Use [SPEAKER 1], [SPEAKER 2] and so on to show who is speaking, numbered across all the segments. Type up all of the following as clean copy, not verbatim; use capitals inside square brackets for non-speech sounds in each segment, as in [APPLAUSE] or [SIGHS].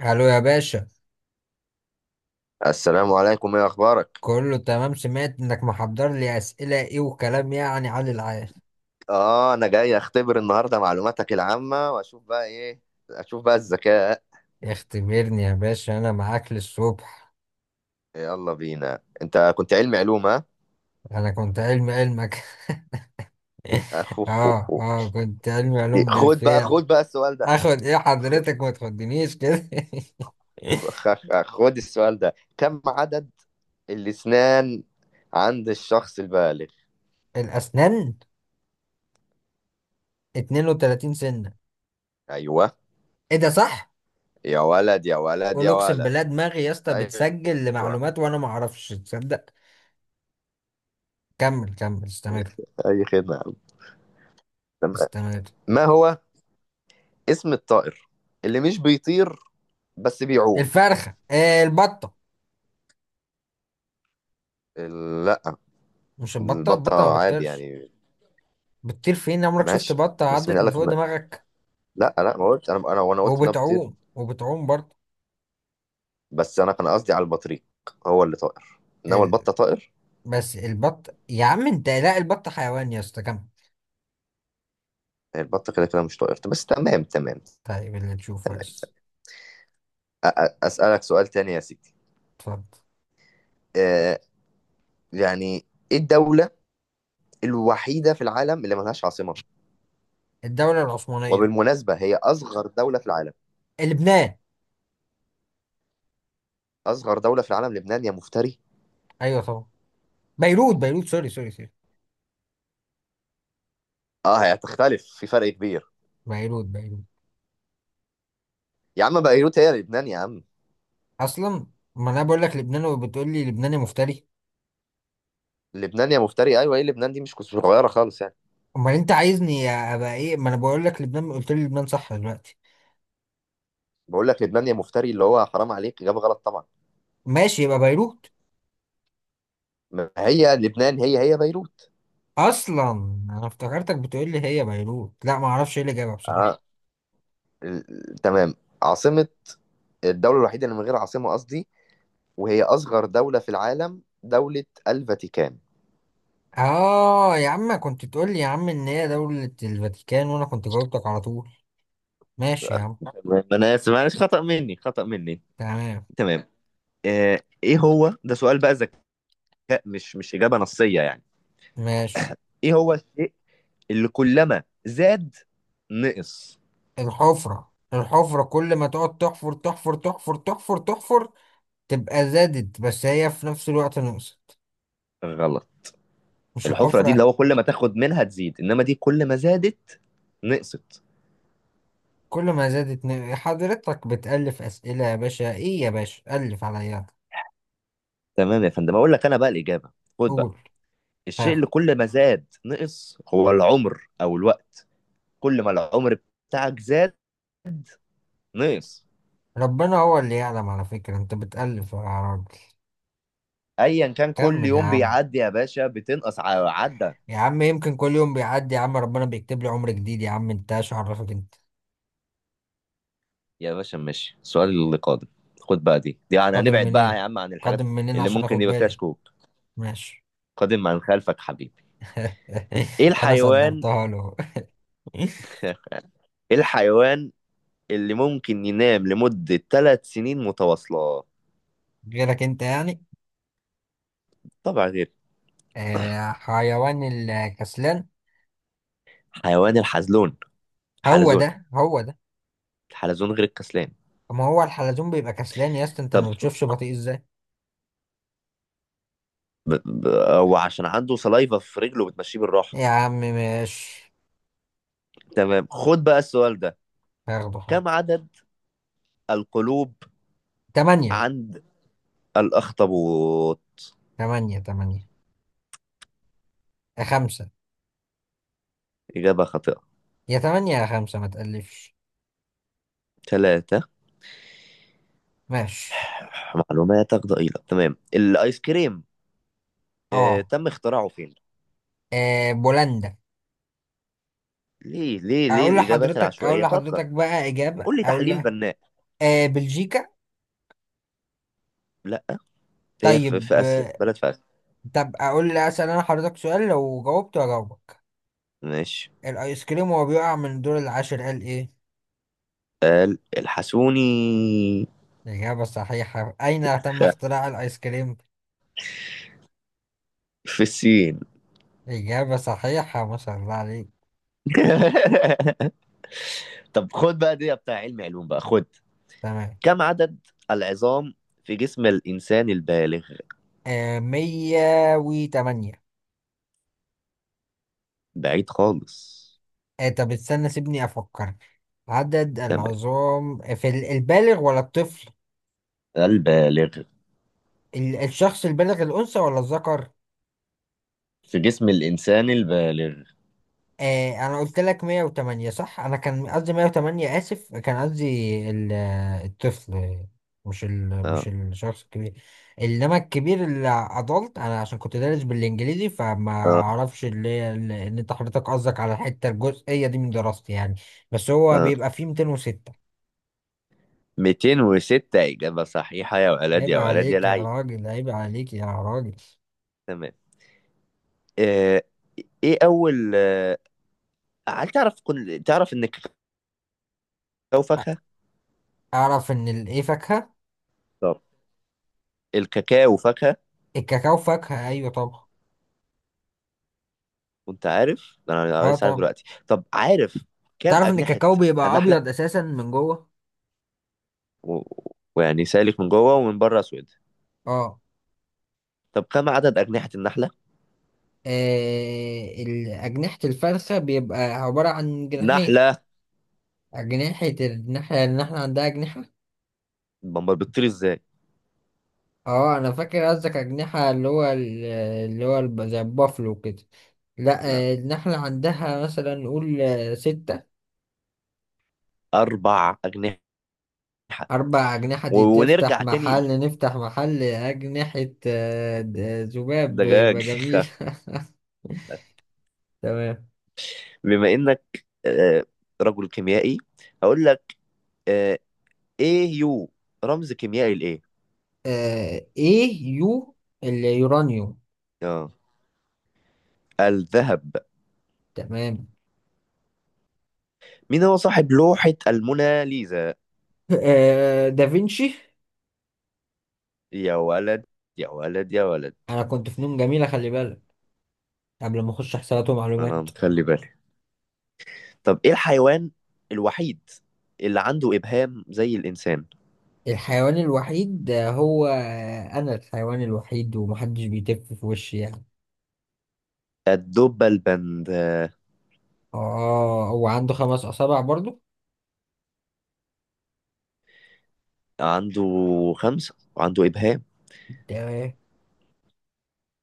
[SPEAKER 1] الو يا باشا،
[SPEAKER 2] السلام عليكم، ايه اخبارك؟
[SPEAKER 1] كله تمام. سمعت انك محضر لي اسئله ايه وكلام يعني علي العال.
[SPEAKER 2] اه انا جاي اختبر النهارده معلوماتك العامه واشوف بقى ايه. اشوف بقى الذكاء.
[SPEAKER 1] اختبرني يا باشا انا معاك للصبح.
[SPEAKER 2] يلا بينا، انت كنت علمي علوم ها؟
[SPEAKER 1] انا كنت علم علمك [LAUGHS]
[SPEAKER 2] أخو- خو-
[SPEAKER 1] اه
[SPEAKER 2] خو.
[SPEAKER 1] اه كنت علم علوم
[SPEAKER 2] خد بقى
[SPEAKER 1] بالفعل.
[SPEAKER 2] خد بقى السؤال ده.
[SPEAKER 1] اخد ايه
[SPEAKER 2] خد.
[SPEAKER 1] حضرتك؟ ما تخدنيش كده [LAUGHS]
[SPEAKER 2] خد السؤال ده، كم عدد الاسنان عند الشخص البالغ؟
[SPEAKER 1] الاسنان 32 سنه.
[SPEAKER 2] ايوه.
[SPEAKER 1] ايه ده صح؟
[SPEAKER 2] يا ولد، يا ولد،
[SPEAKER 1] قول
[SPEAKER 2] يا
[SPEAKER 1] اقسم
[SPEAKER 2] ولد!
[SPEAKER 1] بالله، دماغي يا اسطى
[SPEAKER 2] ايوه.
[SPEAKER 1] بتسجل لمعلومات وانا ما اعرفش، تصدق؟ كمل كمل استمر.
[SPEAKER 2] اي خدمه يا عم. تمام.
[SPEAKER 1] استمر.
[SPEAKER 2] ما هو اسم الطائر اللي مش بيطير بس بيعوم؟
[SPEAKER 1] الفرخه آه البطه.
[SPEAKER 2] ال-
[SPEAKER 1] مش البطة،
[SPEAKER 2] البطة
[SPEAKER 1] البطة ما
[SPEAKER 2] عادي
[SPEAKER 1] بتطيرش.
[SPEAKER 2] يعني.
[SPEAKER 1] بتطير فين؟ عمرك شفت
[SPEAKER 2] ماشي.
[SPEAKER 1] بطة
[SPEAKER 2] بس مين
[SPEAKER 1] عدت
[SPEAKER 2] قال
[SPEAKER 1] من
[SPEAKER 2] لك
[SPEAKER 1] فوق
[SPEAKER 2] ان
[SPEAKER 1] دماغك؟
[SPEAKER 2] لا، لا، ما قلت، انا وانا قلت انها بتطير.
[SPEAKER 1] وبتعوم وبتعوم برضه.
[SPEAKER 2] بس انا كان قصدي على البطريق. هو اللي طائر، انما
[SPEAKER 1] ال...
[SPEAKER 2] البطة طائر.
[SPEAKER 1] بس البط يا عم انت، لا البط حيوان يا اسطى، كمل.
[SPEAKER 2] هي البطة كده كده مش طائر، بس تمام تمام.
[SPEAKER 1] طيب اللي تشوفه
[SPEAKER 2] تمام،
[SPEAKER 1] بس.
[SPEAKER 2] تمام. اسألك سؤال تاني يا سيدي.
[SPEAKER 1] اتفضل.
[SPEAKER 2] آه يعني، ايه الدولة الوحيدة في العالم اللي ملهاش عاصمة؟
[SPEAKER 1] الدولة العثمانية.
[SPEAKER 2] وبالمناسبة هي اصغر دولة في العالم.
[SPEAKER 1] لبنان.
[SPEAKER 2] اصغر دولة في العالم لبنان يا مفتري؟
[SPEAKER 1] ايوه طبعا. بيروت بيروت، سوري سوري سوري.
[SPEAKER 2] اه هي هتختلف في فرق كبير.
[SPEAKER 1] بيروت بيروت.
[SPEAKER 2] يا عم، بيروت هي لبنان يا عم.
[SPEAKER 1] اصلا ما انا بقول لك لبنان وبتقول لي لبناني مفتري.
[SPEAKER 2] لبنان يا مفتري، ايوه، ايه لبنان دي مش صغيرة خالص يعني.
[SPEAKER 1] امال انت عايزني ابقى ايه؟ ما انا بقول لك لبنان، قلت لي لبنان صح دلوقتي.
[SPEAKER 2] بقول لك لبنان يا مفتري، اللي هو حرام عليك، إجابة غلط طبعا.
[SPEAKER 1] ماشي يبقى بيروت.
[SPEAKER 2] ما هي لبنان هي بيروت.
[SPEAKER 1] اصلا انا افتكرتك بتقول لي هي بيروت، لا ما اعرفش ايه اللي جابها
[SPEAKER 2] آه
[SPEAKER 1] بصراحه.
[SPEAKER 2] تمام. عاصمة الدولة الوحيدة اللي من غير عاصمة قصدي، وهي أصغر دولة في العالم، دولة الفاتيكان.
[SPEAKER 1] اه يا عم كنت تقول لي يا عم ان هي دوله الفاتيكان وانا كنت جاوبتك على طول. ماشي يا عم.
[SPEAKER 2] تمام، أنا آسف، معلش، خطأ مني، خطأ مني.
[SPEAKER 1] تمام.
[SPEAKER 2] تمام. إيه، هو ده سؤال بقى ذكاء، مش إجابة نصية يعني.
[SPEAKER 1] ماشي.
[SPEAKER 2] إيه هو الشيء اللي كلما زاد نقص؟
[SPEAKER 1] الحفره الحفره، كل ما تقعد تحفر تحفر تحفر تحفر تحفر تبقى زادت، بس هي في نفس الوقت نقصت.
[SPEAKER 2] غلط.
[SPEAKER 1] مش
[SPEAKER 2] الحفرة دي اللي
[SPEAKER 1] الحفره؟
[SPEAKER 2] هو كل ما تاخد منها تزيد، إنما دي كل ما زادت نقصت.
[SPEAKER 1] كل ما زادت حضرتك بتألف اسئله يا باشا، ايه يا باشا ألف عليا.
[SPEAKER 2] تمام يا فندم، اقول لك انا بقى الاجابه. خد بقى.
[SPEAKER 1] قول.
[SPEAKER 2] الشيء اللي
[SPEAKER 1] ها.
[SPEAKER 2] كل ما زاد نقص هو العمر او الوقت. كل ما العمر بتاعك زاد نقص.
[SPEAKER 1] ربنا هو اللي يعلم، على فكرة انت بتألف يا عرب.
[SPEAKER 2] ايا كان، كل
[SPEAKER 1] كمل يا
[SPEAKER 2] يوم
[SPEAKER 1] عم.
[SPEAKER 2] بيعدي يا باشا بتنقص، عدى.
[SPEAKER 1] يا عم يمكن كل يوم بيعدي يا عم ربنا بيكتب لي عمر جديد، يا عم انت ايش عرفك انت؟
[SPEAKER 2] يا باشا، ماشي، السؤال اللي قادم. خد بقى، دي يعني
[SPEAKER 1] قادم
[SPEAKER 2] هنبعد بقى يا
[SPEAKER 1] منين؟
[SPEAKER 2] عم عن الحاجات
[SPEAKER 1] قادم منين
[SPEAKER 2] اللي
[SPEAKER 1] عشان اخد
[SPEAKER 2] ممكن يبقى فيها
[SPEAKER 1] بالي؟
[SPEAKER 2] شكوك.
[SPEAKER 1] ماشي
[SPEAKER 2] قادم عن خلفك حبيبي. ايه
[SPEAKER 1] [LAUGHS] انا
[SPEAKER 2] الحيوان.
[SPEAKER 1] صدرتها له [LAUGHS]
[SPEAKER 2] [LAUGHS] ايه الحيوان اللي ممكن ينام لمدة 3 سنين متواصلة؟
[SPEAKER 1] غيرك انت يعني.
[SPEAKER 2] طبعا غير.
[SPEAKER 1] آه حيوان الكسلان.
[SPEAKER 2] حيوان الحلزون.
[SPEAKER 1] هو
[SPEAKER 2] حلزون.
[SPEAKER 1] ده هو ده.
[SPEAKER 2] الحلزون غير الكسلان.
[SPEAKER 1] ما هو الحلزون بيبقى كسلان يا اسطى، انت
[SPEAKER 2] طب
[SPEAKER 1] ما بتشوفش بطيء ازاي؟
[SPEAKER 2] ب... ب... هو عشان عنده سلايفا في رجله بتمشيه بالراحه.
[SPEAKER 1] يا عم ماشي.
[SPEAKER 2] تمام، خد بقى السؤال ده.
[SPEAKER 1] هاخده حاضر.
[SPEAKER 2] كم عدد القلوب
[SPEAKER 1] تمانية.
[SPEAKER 2] عند الأخطبوط؟
[SPEAKER 1] تمانية تمانية، يا خمسة.
[SPEAKER 2] إجابة خاطئة.
[SPEAKER 1] يا تمانية يا خمسة، ما تقلفش.
[SPEAKER 2] ثلاثة.
[SPEAKER 1] ماشي.
[SPEAKER 2] [SIGHS] معلوماتك ضئيلة. تمام، الآيس كريم.
[SPEAKER 1] اه.
[SPEAKER 2] تم اختراعه فين؟
[SPEAKER 1] آه، بولندا.
[SPEAKER 2] ليه، ليه، ليه
[SPEAKER 1] اقول
[SPEAKER 2] الإجابات
[SPEAKER 1] لحضرتك، اقول
[SPEAKER 2] العشوائية؟ فكر.
[SPEAKER 1] لحضرتك بقى اجابه،
[SPEAKER 2] قول لي
[SPEAKER 1] اقول
[SPEAKER 2] تحليل
[SPEAKER 1] لك.
[SPEAKER 2] بناء.
[SPEAKER 1] آه بلجيكا.
[SPEAKER 2] لا، هي في,
[SPEAKER 1] طيب
[SPEAKER 2] في آسيا،
[SPEAKER 1] آه.
[SPEAKER 2] بلد في آسيا.
[SPEAKER 1] طب اقول لي، اسال انا حضرتك سؤال لو جاوبت اجاوبك.
[SPEAKER 2] ماشي.
[SPEAKER 1] الايس كريم وهو بيقع من الدور العاشر قال ايه؟
[SPEAKER 2] قال الحسوني.
[SPEAKER 1] اجابه صحيحه. اين تم اختراع الايس كريم؟
[SPEAKER 2] في الصين.
[SPEAKER 1] اجابه صحيحه ما شاء الله عليك.
[SPEAKER 2] [LAUGHS] طب خد بقى، دي بتاع علم علوم بقى، خد.
[SPEAKER 1] تمام.
[SPEAKER 2] كم عدد العظام في جسم الإنسان البالغ؟
[SPEAKER 1] آه 108.
[SPEAKER 2] بعيد خالص.
[SPEAKER 1] آه طب استنى سيبني افكر. عدد
[SPEAKER 2] تمام.
[SPEAKER 1] العظام في البالغ ولا الطفل؟
[SPEAKER 2] البالغ.
[SPEAKER 1] الشخص البالغ الانثى ولا الذكر؟
[SPEAKER 2] في جسم الإنسان البالغ.
[SPEAKER 1] آه انا قلت لك 108 صح، انا كان قصدي 108 اسف كان قصدي ال- الطفل،
[SPEAKER 2] اه.
[SPEAKER 1] مش الشخص الكبير. انما الكبير اللي ادلت انا عشان كنت دارس بالانجليزي فما
[SPEAKER 2] اه.
[SPEAKER 1] اعرفش اللي هي ان انت حضرتك قصدك على الحته الجزئيه دي من دراستي يعني. بس هو
[SPEAKER 2] اه.
[SPEAKER 1] بيبقى فيه 206.
[SPEAKER 2] 206 إجابة صحيحة، يا ولد،
[SPEAKER 1] عيب
[SPEAKER 2] يا ولد، يا
[SPEAKER 1] عليك يا
[SPEAKER 2] لعيب!
[SPEAKER 1] راجل، عيب عليك يا راجل.
[SPEAKER 2] تمام. آه إيه أول هل تعرف تعرف إن الكاكاو
[SPEAKER 1] أ-
[SPEAKER 2] فاكهة؟
[SPEAKER 1] اعرف ان الايه فاكهه.
[SPEAKER 2] طب، الكاكاو فاكهة.
[SPEAKER 1] الكاكاو فاكهه ايوه طبعا.
[SPEAKER 2] كنت عارف؟ أنا
[SPEAKER 1] اه
[SPEAKER 2] لسه عارف
[SPEAKER 1] طبعا.
[SPEAKER 2] دلوقتي. طب عارف كام
[SPEAKER 1] تعرف ان
[SPEAKER 2] أجنحة
[SPEAKER 1] الكاكاو بيبقى
[SPEAKER 2] النحلة؟
[SPEAKER 1] ابيض اساسا من جوه.
[SPEAKER 2] و... ويعني سالك من جوه ومن بره اسود.
[SPEAKER 1] اه.
[SPEAKER 2] طب كم عدد اجنحه النحله؟
[SPEAKER 1] آه، أجنحة الفرخة بيبقى عبارة عن جناحين.
[SPEAKER 2] نحله.
[SPEAKER 1] أجنحة الناحية اللي احنا عندها أجنحة.
[SPEAKER 2] بمبار بتطير ازاي؟
[SPEAKER 1] اه أنا فاكر قصدك أجنحة اللي هو اللي هو زي البافلو كده. لا.
[SPEAKER 2] لا،
[SPEAKER 1] آه، النحلة عندها مثلا نقول آه، ستة.
[SPEAKER 2] اربع اجنحه.
[SPEAKER 1] أربع أجنحة دي تفتح
[SPEAKER 2] ونرجع تاني.
[SPEAKER 1] محل، نفتح محل أجنحة. آه، ذباب يبقى
[SPEAKER 2] دجاج.
[SPEAKER 1] جميل [LAUGHS] تمام.
[SPEAKER 2] [LAUGHS] بما انك رجل كيميائي هقول لك. آه، ايه يو رمز كيميائي لايه؟
[SPEAKER 1] آه، إيه يو اليورانيوم.
[SPEAKER 2] اه، الذهب.
[SPEAKER 1] تمام.
[SPEAKER 2] مين هو صاحب لوحة الموناليزا؟
[SPEAKER 1] آه، دافنشي.
[SPEAKER 2] يا ولد، يا ولد، يا ولد!
[SPEAKER 1] انا كنت فنون جميلة خلي بالك، قبل ما اخش حسابات
[SPEAKER 2] انا
[SPEAKER 1] ومعلومات.
[SPEAKER 2] مخلي بالي. طب ايه الحيوان الوحيد اللي عنده ابهام زي الانسان؟
[SPEAKER 1] الحيوان الوحيد هو انا الحيوان الوحيد، ومحدش بيتف في وشي يعني.
[SPEAKER 2] الدب البند.
[SPEAKER 1] اه هو عنده خمس اصابع برضو.
[SPEAKER 2] عنده 5 وعنده إبهام.
[SPEAKER 1] ده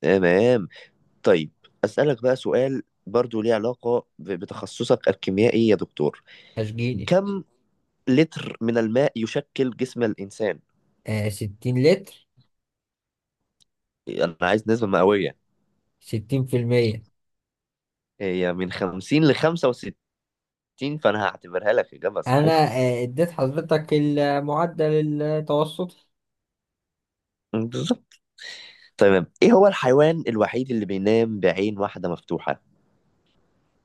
[SPEAKER 2] تمام. طيب، أسألك بقى سؤال برضو ليه علاقة بتخصصك الكيميائي يا دكتور.
[SPEAKER 1] اشجيني.
[SPEAKER 2] كم لتر من الماء يشكل جسم الإنسان؟
[SPEAKER 1] آه ستين لتر.
[SPEAKER 2] أنا عايز نسبة مئوية.
[SPEAKER 1] ستين في المية.
[SPEAKER 2] هي من 50 ل 65، فأنا هعتبرها لك إجابة
[SPEAKER 1] انا
[SPEAKER 2] صحيحة.
[SPEAKER 1] آه اديت حضرتك المعدل التوسطي.
[SPEAKER 2] بالظبط. تمام، إيه هو الحيوان الوحيد اللي بينام بعين واحدة مفتوحة؟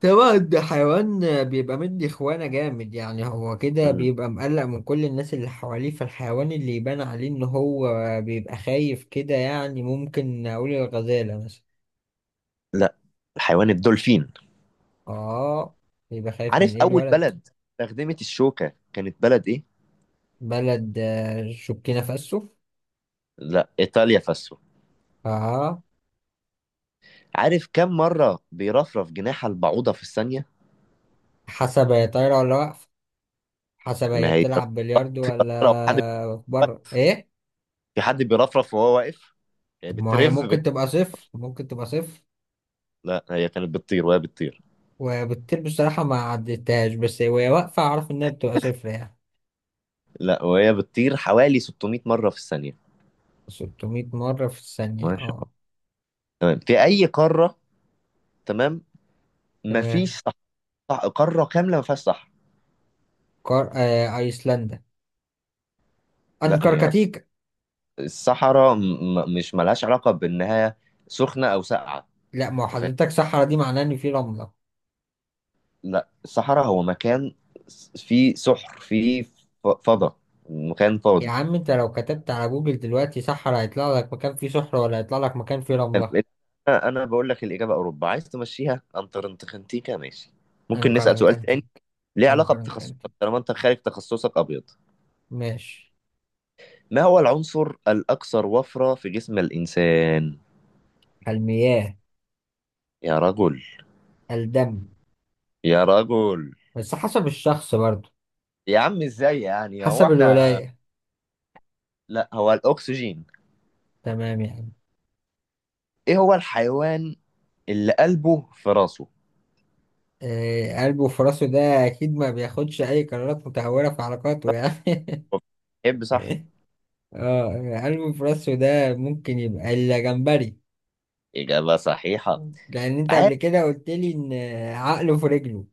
[SPEAKER 1] طبعا ده حيوان بيبقى مدي خوانة جامد يعني، هو كده
[SPEAKER 2] مم.
[SPEAKER 1] بيبقى مقلق من كل الناس اللي حواليه، فالحيوان اللي يبان عليه ان هو بيبقى خايف كده يعني ممكن اقول الغزالة مثلا.
[SPEAKER 2] لا، الحيوان الدولفين.
[SPEAKER 1] اه بيبقى خايف من
[SPEAKER 2] عارف
[SPEAKER 1] ايه
[SPEAKER 2] أول
[SPEAKER 1] الولد.
[SPEAKER 2] بلد استخدمت الشوكة كانت بلد إيه؟
[SPEAKER 1] بلد آه، شكينا فاسو.
[SPEAKER 2] لا، ايطاليا فاسو.
[SPEAKER 1] اه.
[SPEAKER 2] عارف كم مره بيرفرف جناح البعوضه في الثانيه؟
[SPEAKER 1] حسب هي طايرة ولا واقفة. حسب هي
[SPEAKER 2] ما هي
[SPEAKER 1] بتلعب بلياردو
[SPEAKER 2] لو حد،
[SPEAKER 1] ولا بره ايه.
[SPEAKER 2] في حد بيرفرف وهو واقف، يعني
[SPEAKER 1] طب ما هي
[SPEAKER 2] بترف
[SPEAKER 1] ممكن تبقى صفر، ممكن تبقى صفر.
[SPEAKER 2] لا هي كانت بتطير، وهي بتطير.
[SPEAKER 1] وبتطير بصراحة ما عدتهاش، بس وهي واقفة أعرف إنها بتبقى صفر يعني.
[SPEAKER 2] لا، وهي بتطير حوالي 600 مره في الثانيه.
[SPEAKER 1] 600 مرة في الثانية
[SPEAKER 2] ما شاء الله.
[SPEAKER 1] اه.
[SPEAKER 2] تمام، في اي قاره. تمام.
[SPEAKER 1] تمام.
[SPEAKER 2] مفيش صح... قاره كامله ما فيهاش صحراء.
[SPEAKER 1] أيسلندا.
[SPEAKER 2] لا، هي
[SPEAKER 1] أنكركتيك.
[SPEAKER 2] الصحراء مش ملهاش علاقه بانها سخنه او ساقعه.
[SPEAKER 1] لا ما هو
[SPEAKER 2] انت،
[SPEAKER 1] حضرتك صحرا دي معناه إن في رملة.
[SPEAKER 2] لا الصحراء هو مكان فيه سحر، فيه فضاء، مكان
[SPEAKER 1] يا
[SPEAKER 2] فاضي.
[SPEAKER 1] عم أنت لو كتبت على جوجل دلوقتي صحرا هيطلع لك مكان فيه صحرا ولا هيطلع لك مكان فيه
[SPEAKER 2] طب
[SPEAKER 1] رملة؟
[SPEAKER 2] انا بقول لك الاجابه اوروبا، عايز تمشيها انتر انتخنتيكا، ماشي. ممكن نسال سؤال تاني
[SPEAKER 1] أنكركتيك.
[SPEAKER 2] ليه علاقه بتخصصك،
[SPEAKER 1] أنكركتيك
[SPEAKER 2] طالما انت خارج تخصصك ابيض.
[SPEAKER 1] ماشي.
[SPEAKER 2] ما هو العنصر الاكثر وفره في جسم الانسان؟
[SPEAKER 1] المياه.
[SPEAKER 2] يا رجل!
[SPEAKER 1] الدم.
[SPEAKER 2] يا رجل!
[SPEAKER 1] بس حسب الشخص برضو.
[SPEAKER 2] يا عم ازاي يعني هو
[SPEAKER 1] حسب
[SPEAKER 2] احنا.
[SPEAKER 1] الولاية.
[SPEAKER 2] لا، هو الاكسجين.
[SPEAKER 1] تمام يعني.
[SPEAKER 2] ايه هو الحيوان اللي قلبه في راسه؟
[SPEAKER 1] آه... قلبه وفراسه ده أكيد ما بياخدش أي قرارات متهورة في علاقاته يعني
[SPEAKER 2] يحب صح.
[SPEAKER 1] [LAUGHS] اه. قلب في راسه ده ممكن يبقى الجمبري،
[SPEAKER 2] اجابه صحيحه.
[SPEAKER 1] لان انت
[SPEAKER 2] تعال.
[SPEAKER 1] قبل كده قلت لي ان عقله في رجله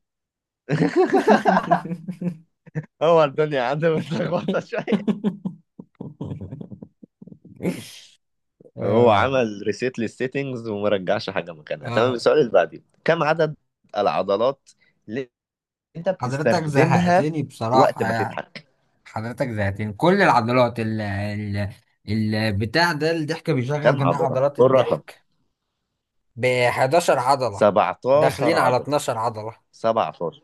[SPEAKER 2] [LAUGHS]
[SPEAKER 1] [LAUGHS]
[SPEAKER 2] هو الدنيا عنده متلخبطه شويه. هو
[SPEAKER 1] اه.
[SPEAKER 2] عمل ريسيت للسيتنجز وما رجعش حاجه مكانها. تمام،
[SPEAKER 1] اه
[SPEAKER 2] السؤال اللي بعديه، كم عدد العضلات اللي انت
[SPEAKER 1] حضرتك
[SPEAKER 2] بتستخدمها
[SPEAKER 1] زهقتني
[SPEAKER 2] وقت
[SPEAKER 1] بصراحة
[SPEAKER 2] ما
[SPEAKER 1] يعني.
[SPEAKER 2] تضحك؟
[SPEAKER 1] حضرتك زهقتني. كل العضلات ال البتاع ده، الضحك بيشغل
[SPEAKER 2] كم
[SPEAKER 1] جميع
[SPEAKER 2] عضله،
[SPEAKER 1] عضلات
[SPEAKER 2] قول الرقم.
[SPEAKER 1] الضحك. ب 11 عضلة.
[SPEAKER 2] 17
[SPEAKER 1] داخلين على
[SPEAKER 2] عضله.
[SPEAKER 1] 12 عضلة.
[SPEAKER 2] 17.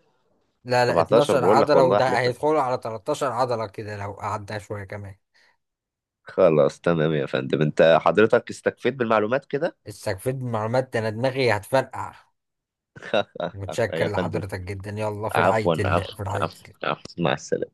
[SPEAKER 1] لا لا
[SPEAKER 2] 17
[SPEAKER 1] 12
[SPEAKER 2] بقول لك،
[SPEAKER 1] عضلة،
[SPEAKER 2] والله
[SPEAKER 1] وده
[SPEAKER 2] احلف لك.
[SPEAKER 1] هيدخلوا على 13 عضلة كده لو قعدنا شوية كمان.
[SPEAKER 2] خلاص، تمام يا فندم، انت حضرتك استكفيت بالمعلومات كده.
[SPEAKER 1] استكفيت من معلومات؟ ده انا دماغي هتفرقع.
[SPEAKER 2] [LAUGHS] يا
[SPEAKER 1] متشكر
[SPEAKER 2] فندم.
[SPEAKER 1] لحضرتك جدا، يلا في رعاية
[SPEAKER 2] عفوا،
[SPEAKER 1] الله،
[SPEAKER 2] عفوا،
[SPEAKER 1] في رعاية
[SPEAKER 2] عفوا،
[SPEAKER 1] الله.
[SPEAKER 2] عفوا، مع السلامه.